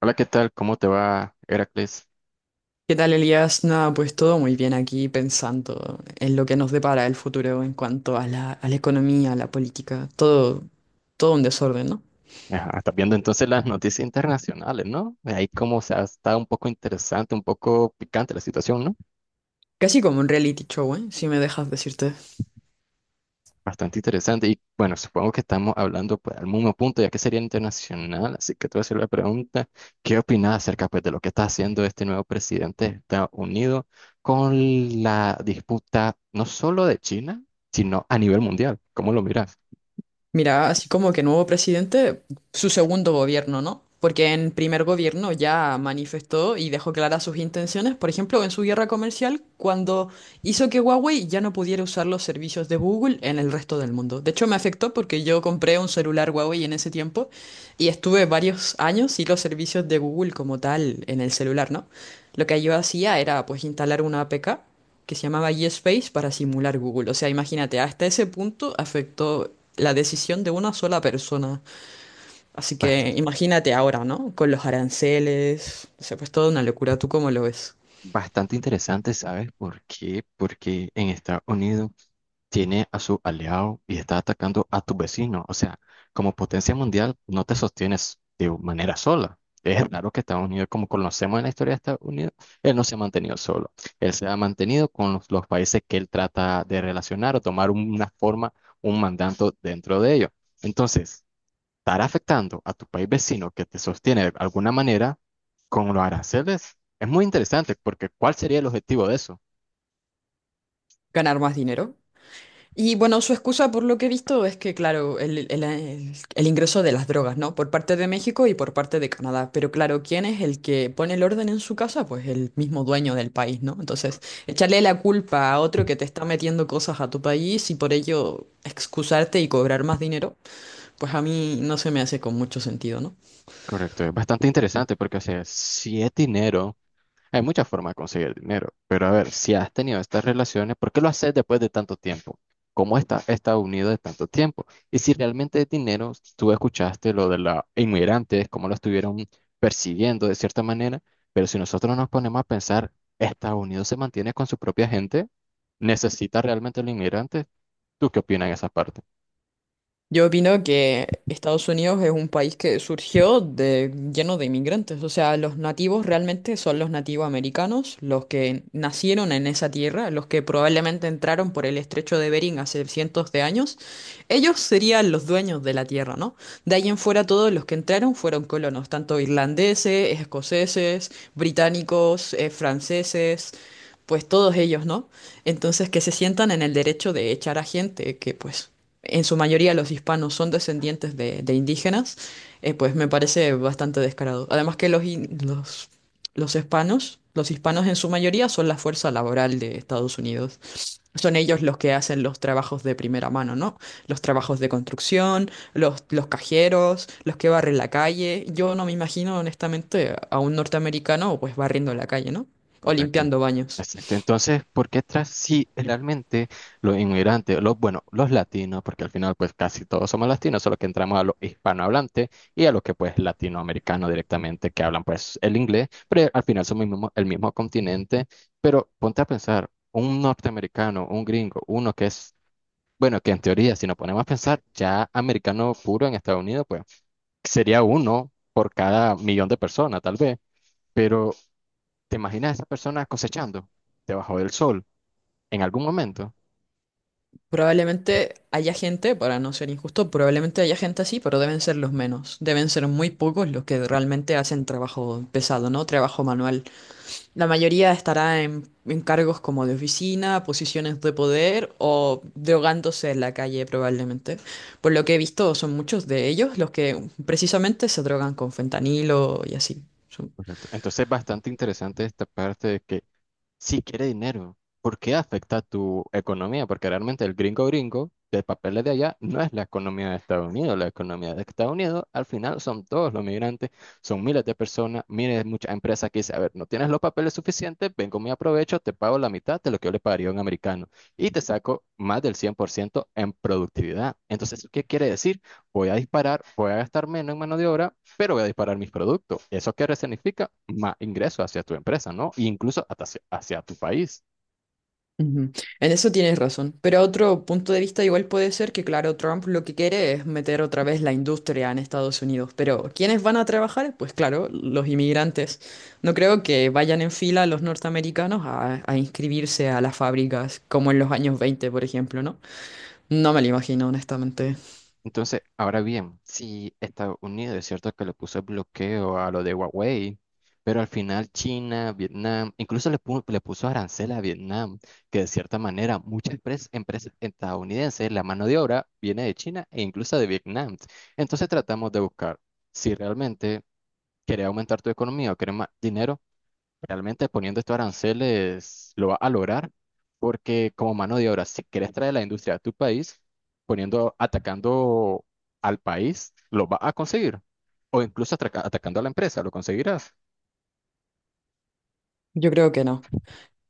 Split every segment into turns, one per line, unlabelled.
Hola, ¿qué tal? ¿Cómo te va, Heracles?
¿Qué tal, Elías? Nada, pues todo muy bien aquí pensando en lo que nos depara el futuro en cuanto a la economía, a la política, todo un desorden, ¿no?
Ajá, estás viendo entonces las noticias internacionales, ¿no? Ahí como se ha estado un poco interesante, un poco picante la situación, ¿no?
Casi como un reality show, ¿eh? Si me dejas decirte.
Bastante interesante. Y bueno, supongo que estamos hablando pues, al mismo punto, ya que sería internacional. Así que te voy a hacer la pregunta, ¿qué opinas acerca pues, de lo que está haciendo este nuevo presidente de Estados Unidos con la disputa no solo de China, sino a nivel mundial? ¿Cómo lo miras?
Mira, así como que nuevo presidente, su segundo gobierno, ¿no? Porque en primer gobierno ya manifestó y dejó claras sus intenciones, por ejemplo, en su guerra comercial, cuando hizo que Huawei ya no pudiera usar los servicios de Google en el resto del mundo. De hecho, me afectó porque yo compré un celular Huawei en ese tiempo y estuve varios años sin los servicios de Google como tal en el celular, ¿no? Lo que yo hacía era pues instalar una APK que se llamaba YesSpace para simular Google. O sea, imagínate, hasta ese punto afectó la decisión de una sola persona. Así que
Bastante.
imagínate ahora, ¿no? Con los aranceles, se ha puesto una locura. ¿Tú cómo lo ves?
Bastante interesante, ¿sabes por qué? Porque en Estados Unidos tiene a su aliado y está atacando a tu vecino. O sea, como potencia mundial no te sostienes de manera sola. Es raro que Estados Unidos, como conocemos en la historia de Estados Unidos, él no se ha mantenido solo. Él se ha mantenido con los países que él trata de relacionar o tomar una forma, un mandato dentro de ellos. Entonces, estar afectando a tu país vecino que te sostiene de alguna manera con los aranceles es muy interesante porque ¿cuál sería el objetivo de eso?
¿Ganar más dinero? Y bueno, su excusa por lo que he visto es que, claro, el ingreso de las drogas, ¿no? Por parte de México y por parte de Canadá. Pero claro, ¿quién es el que pone el orden en su casa? Pues el mismo dueño del país, ¿no? Entonces, echarle la culpa a otro que te está metiendo cosas a tu país y por ello excusarte y cobrar más dinero, pues a mí no se me hace con mucho sentido, ¿no?
Correcto, es bastante interesante porque, o sea, si es dinero. Hay muchas formas de conseguir dinero, pero a ver, si has tenido estas relaciones, ¿por qué lo haces después de tanto tiempo? ¿Cómo está unido de tanto tiempo? Y si realmente es dinero, tú escuchaste lo de los inmigrantes, cómo lo estuvieron persiguiendo de cierta manera, pero si nosotros nos ponemos a pensar, ¿Estados Unidos se mantiene con su propia gente? ¿Necesita realmente los inmigrantes? ¿Tú qué opinas en esa parte?
Yo opino que Estados Unidos es un país que surgió de, lleno de inmigrantes. O sea, los nativos realmente son los nativos americanos, los que nacieron en esa tierra, los que probablemente entraron por el estrecho de Bering hace cientos de años. Ellos serían los dueños de la tierra, ¿no? De ahí en fuera todos los que entraron fueron colonos, tanto irlandeses, escoceses, británicos, franceses, pues todos ellos, ¿no? Entonces, que se sientan en el derecho de echar a gente que, pues, en su mayoría los hispanos son descendientes de indígenas, pues me parece bastante descarado. Además que los hispanos en su mayoría son la fuerza laboral de Estados Unidos. Son ellos los que hacen los trabajos de primera mano, ¿no? Los trabajos de construcción, los cajeros, los que barren la calle. Yo no me imagino, honestamente, a un norteamericano pues barriendo la calle, ¿no? O
Correcto.
limpiando baños.
Exacto. Entonces, ¿por qué tras si realmente los inmigrantes, los, bueno, los latinos, porque al final pues casi todos somos latinos, solo que entramos a los hispanohablantes y a los que pues latinoamericanos directamente que hablan pues el inglés, pero al final somos el mismo continente, pero ponte a pensar, un norteamericano, un gringo, uno que es, bueno, que en teoría si nos ponemos a pensar, ya americano puro en Estados Unidos, pues sería uno por cada millón de personas tal vez. Pero ¿te imaginas a esa persona cosechando debajo del sol en algún momento?
Probablemente haya gente, para no ser injusto, probablemente haya gente así, pero deben ser los menos. Deben ser muy pocos los que realmente hacen trabajo pesado, ¿no? Trabajo manual. La mayoría estará en cargos como de oficina, posiciones de poder o drogándose en la calle, probablemente. Por lo que he visto, son muchos de ellos los que precisamente se drogan con fentanilo y así.
Correcto. Entonces es bastante interesante esta parte de que si quiere dinero, ¿por qué afecta a tu economía? Porque realmente el gringo gringo de papeles de allá no es la economía de Estados Unidos. La economía de Estados Unidos al final son todos los migrantes, son miles de personas, miles, de muchas empresas que dicen, a ver, no tienes los papeles suficientes, vengo, me aprovecho, te pago la mitad de lo que yo le pagaría a un americano y te saco más del 100% en productividad. Entonces, ¿qué quiere decir? Voy a disparar, voy a gastar menos en mano de obra, pero voy a disparar mis productos. ¿Eso qué significa? Más ingresos hacia tu empresa, ¿no? E incluso hasta hacia tu país.
Ujú. En eso tienes razón, pero otro punto de vista igual puede ser que, claro, Trump lo que quiere es meter otra vez la industria en Estados Unidos, pero ¿quiénes van a trabajar? Pues claro, los inmigrantes. No creo que vayan en fila los norteamericanos a inscribirse a las fábricas como en los años 20, por ejemplo, ¿no? No me lo imagino, honestamente.
Entonces, ahora bien, si Estados Unidos es cierto que le puso el bloqueo a lo de Huawei, pero al final China, Vietnam, incluso le puso arancel a Vietnam, que de cierta manera muchas empresas estadounidenses, la mano de obra viene de China e incluso de Vietnam. Entonces tratamos de buscar si realmente querés aumentar tu economía o querés más dinero. Realmente poniendo estos aranceles lo va a lograr porque como mano de obra, si quieres traer la industria a tu país, poniendo, atacando al país, lo va a conseguir. O incluso atacando a la empresa, lo conseguirás.
Yo creo que no.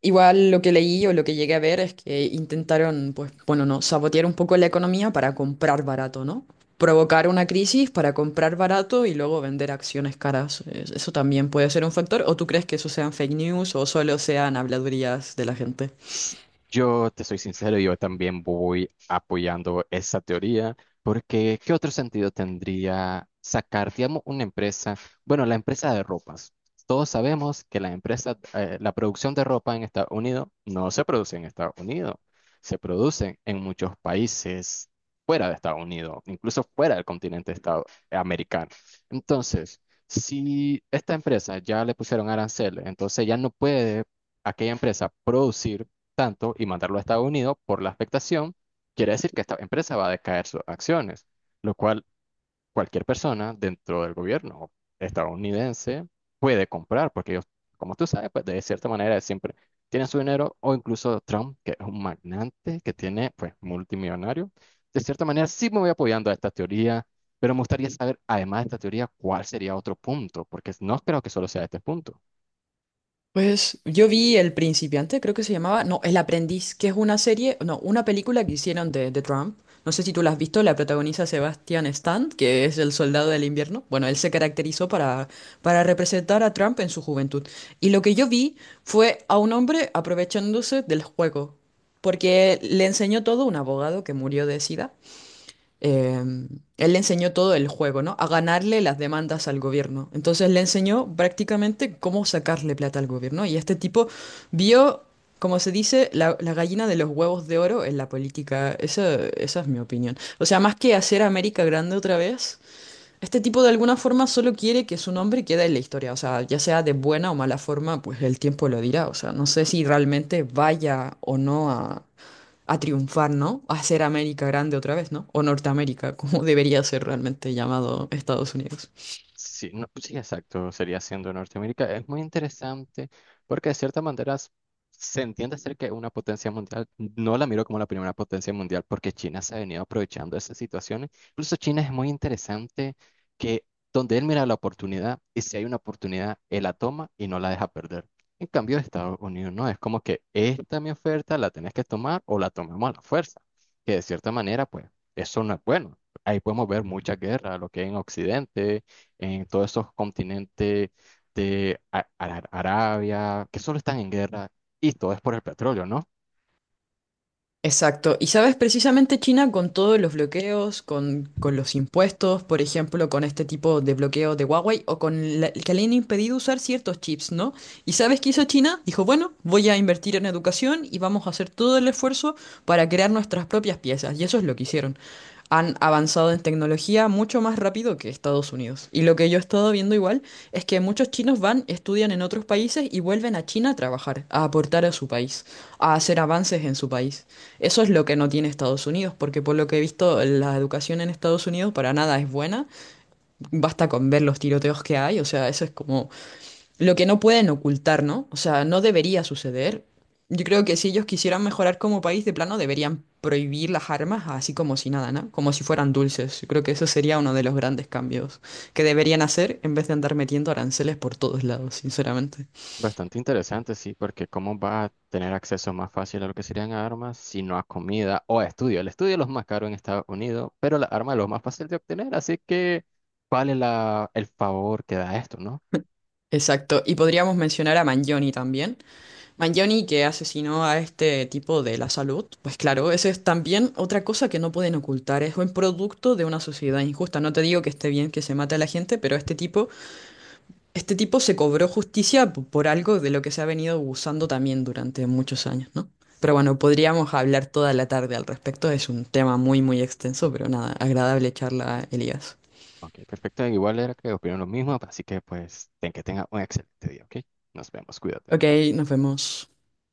Igual lo que leí o lo que llegué a ver es que intentaron, pues, bueno, no, sabotear un poco la economía para comprar barato, ¿no? Provocar una crisis para comprar barato y luego vender acciones caras. Eso también puede ser un factor. ¿O tú crees que eso sean fake news o solo sean habladurías de la gente?
S- Yo te soy sincero, yo también voy apoyando esa teoría, porque ¿qué otro sentido tendría sacar, digamos, una empresa? Bueno, la empresa de ropas. Todos sabemos que la empresa, la producción de ropa en Estados Unidos no se produce en Estados Unidos, se produce en muchos países fuera de Estados Unidos, incluso fuera del continente americano. Entonces, si esta empresa ya le pusieron aranceles, entonces ya no puede aquella empresa producir tanto y mandarlo a Estados Unidos por la afectación, quiere decir que esta empresa va a decaer sus acciones, lo cual cualquier persona dentro del gobierno estadounidense puede comprar, porque ellos, como tú sabes, pues de cierta manera siempre tienen su dinero, o incluso Trump, que es un magnate, que tiene, pues, multimillonario. De cierta manera sí me voy apoyando a esta teoría, pero me gustaría saber, además de esta teoría, cuál sería otro punto, porque no creo que solo sea este punto.
Pues yo vi El Principiante, creo que se llamaba, no, El Aprendiz, que es una serie, no, una película que hicieron de Trump. No sé si tú la has visto, la protagoniza Sebastian Stan, que es el soldado del invierno. Bueno, él se caracterizó para representar a Trump en su juventud. Y lo que yo vi fue a un hombre aprovechándose del juego, porque le enseñó todo un abogado que murió de SIDA, eh, él le enseñó todo el juego, ¿no? A ganarle las demandas al gobierno. Entonces le enseñó prácticamente cómo sacarle plata al gobierno. Y este tipo vio, como se dice, la gallina de los huevos de oro en la política. Esa es mi opinión. O sea, más que hacer América grande otra vez. Este tipo de alguna forma solo quiere que su nombre quede en la historia, o sea, ya sea de buena o mala forma, pues el tiempo lo dirá, o sea, no sé si realmente vaya o no a triunfar, ¿no? A ser América grande otra vez, ¿no? O Norteamérica, como debería ser realmente llamado Estados Unidos.
Sí, no, pues sí, exacto, sería siendo Norteamérica. Es muy interesante porque de cierta manera se entiende ser que una potencia mundial, no la miro como la primera potencia mundial porque China se ha venido aprovechando de esas situaciones. Incluso China es muy interesante que donde él mira la oportunidad y si hay una oportunidad, él la toma y no la deja perder. En cambio, Estados Unidos no, es como que esta mi oferta, la tenés que tomar o la tomamos a la fuerza, que de cierta manera, pues, eso no es bueno. Ahí podemos ver mucha guerra, lo que hay en Occidente en todos estos continentes de Arabia, que solo están en guerra, y todo es por el petróleo, ¿no?
Exacto, y sabes, precisamente China con todos los bloqueos, con los impuestos, por ejemplo, con este tipo de bloqueo de Huawei o con que le han impedido usar ciertos chips, ¿no? ¿Y sabes qué hizo China? Dijo, bueno, voy a invertir en educación y vamos a hacer todo el esfuerzo para crear nuestras propias piezas. Y eso es lo que hicieron. Han avanzado en tecnología mucho más rápido que Estados Unidos. Y lo que yo he estado viendo igual es que muchos chinos van, estudian en otros países y vuelven a China a trabajar, a aportar a su país, a hacer avances en su país. Eso es lo que no tiene Estados Unidos, porque por lo que he visto, la educación en Estados Unidos para nada es buena. Basta con ver los tiroteos que hay, o sea, eso es como lo que no pueden ocultar, ¿no? O sea, no debería suceder. Yo creo que si ellos quisieran mejorar como país de plano, deberían prohibir las armas así como si nada, ¿no? Como si fueran dulces. Yo creo que eso sería uno de los grandes cambios que deberían hacer en vez de andar metiendo aranceles por todos lados, sinceramente.
Bastante interesante, sí, porque cómo va a tener acceso más fácil a lo que serían armas, sino a comida o a estudio. El estudio es lo más caro en Estados Unidos, pero la arma es lo más fácil de obtener, así que vale la, el favor que da esto, ¿no?
Exacto. Y podríamos mencionar a Mangione también. Mangione que asesinó a este tipo de la salud. Pues claro, esa es también otra cosa que no pueden ocultar. Es un producto de una sociedad injusta. No te digo que esté bien que se mate a la gente, pero este tipo este tipo se cobró justicia por algo de lo que se ha venido abusando también durante muchos años, ¿no? Pero bueno, podríamos hablar toda la tarde al respecto. Es un tema muy extenso, pero nada, agradable charla, Elías.
Ok, perfecto. Igual era que opino lo mismo, así que pues ten que tenga un excelente día, ¿ok? Nos vemos, cuídate.
Ok, nos vemos.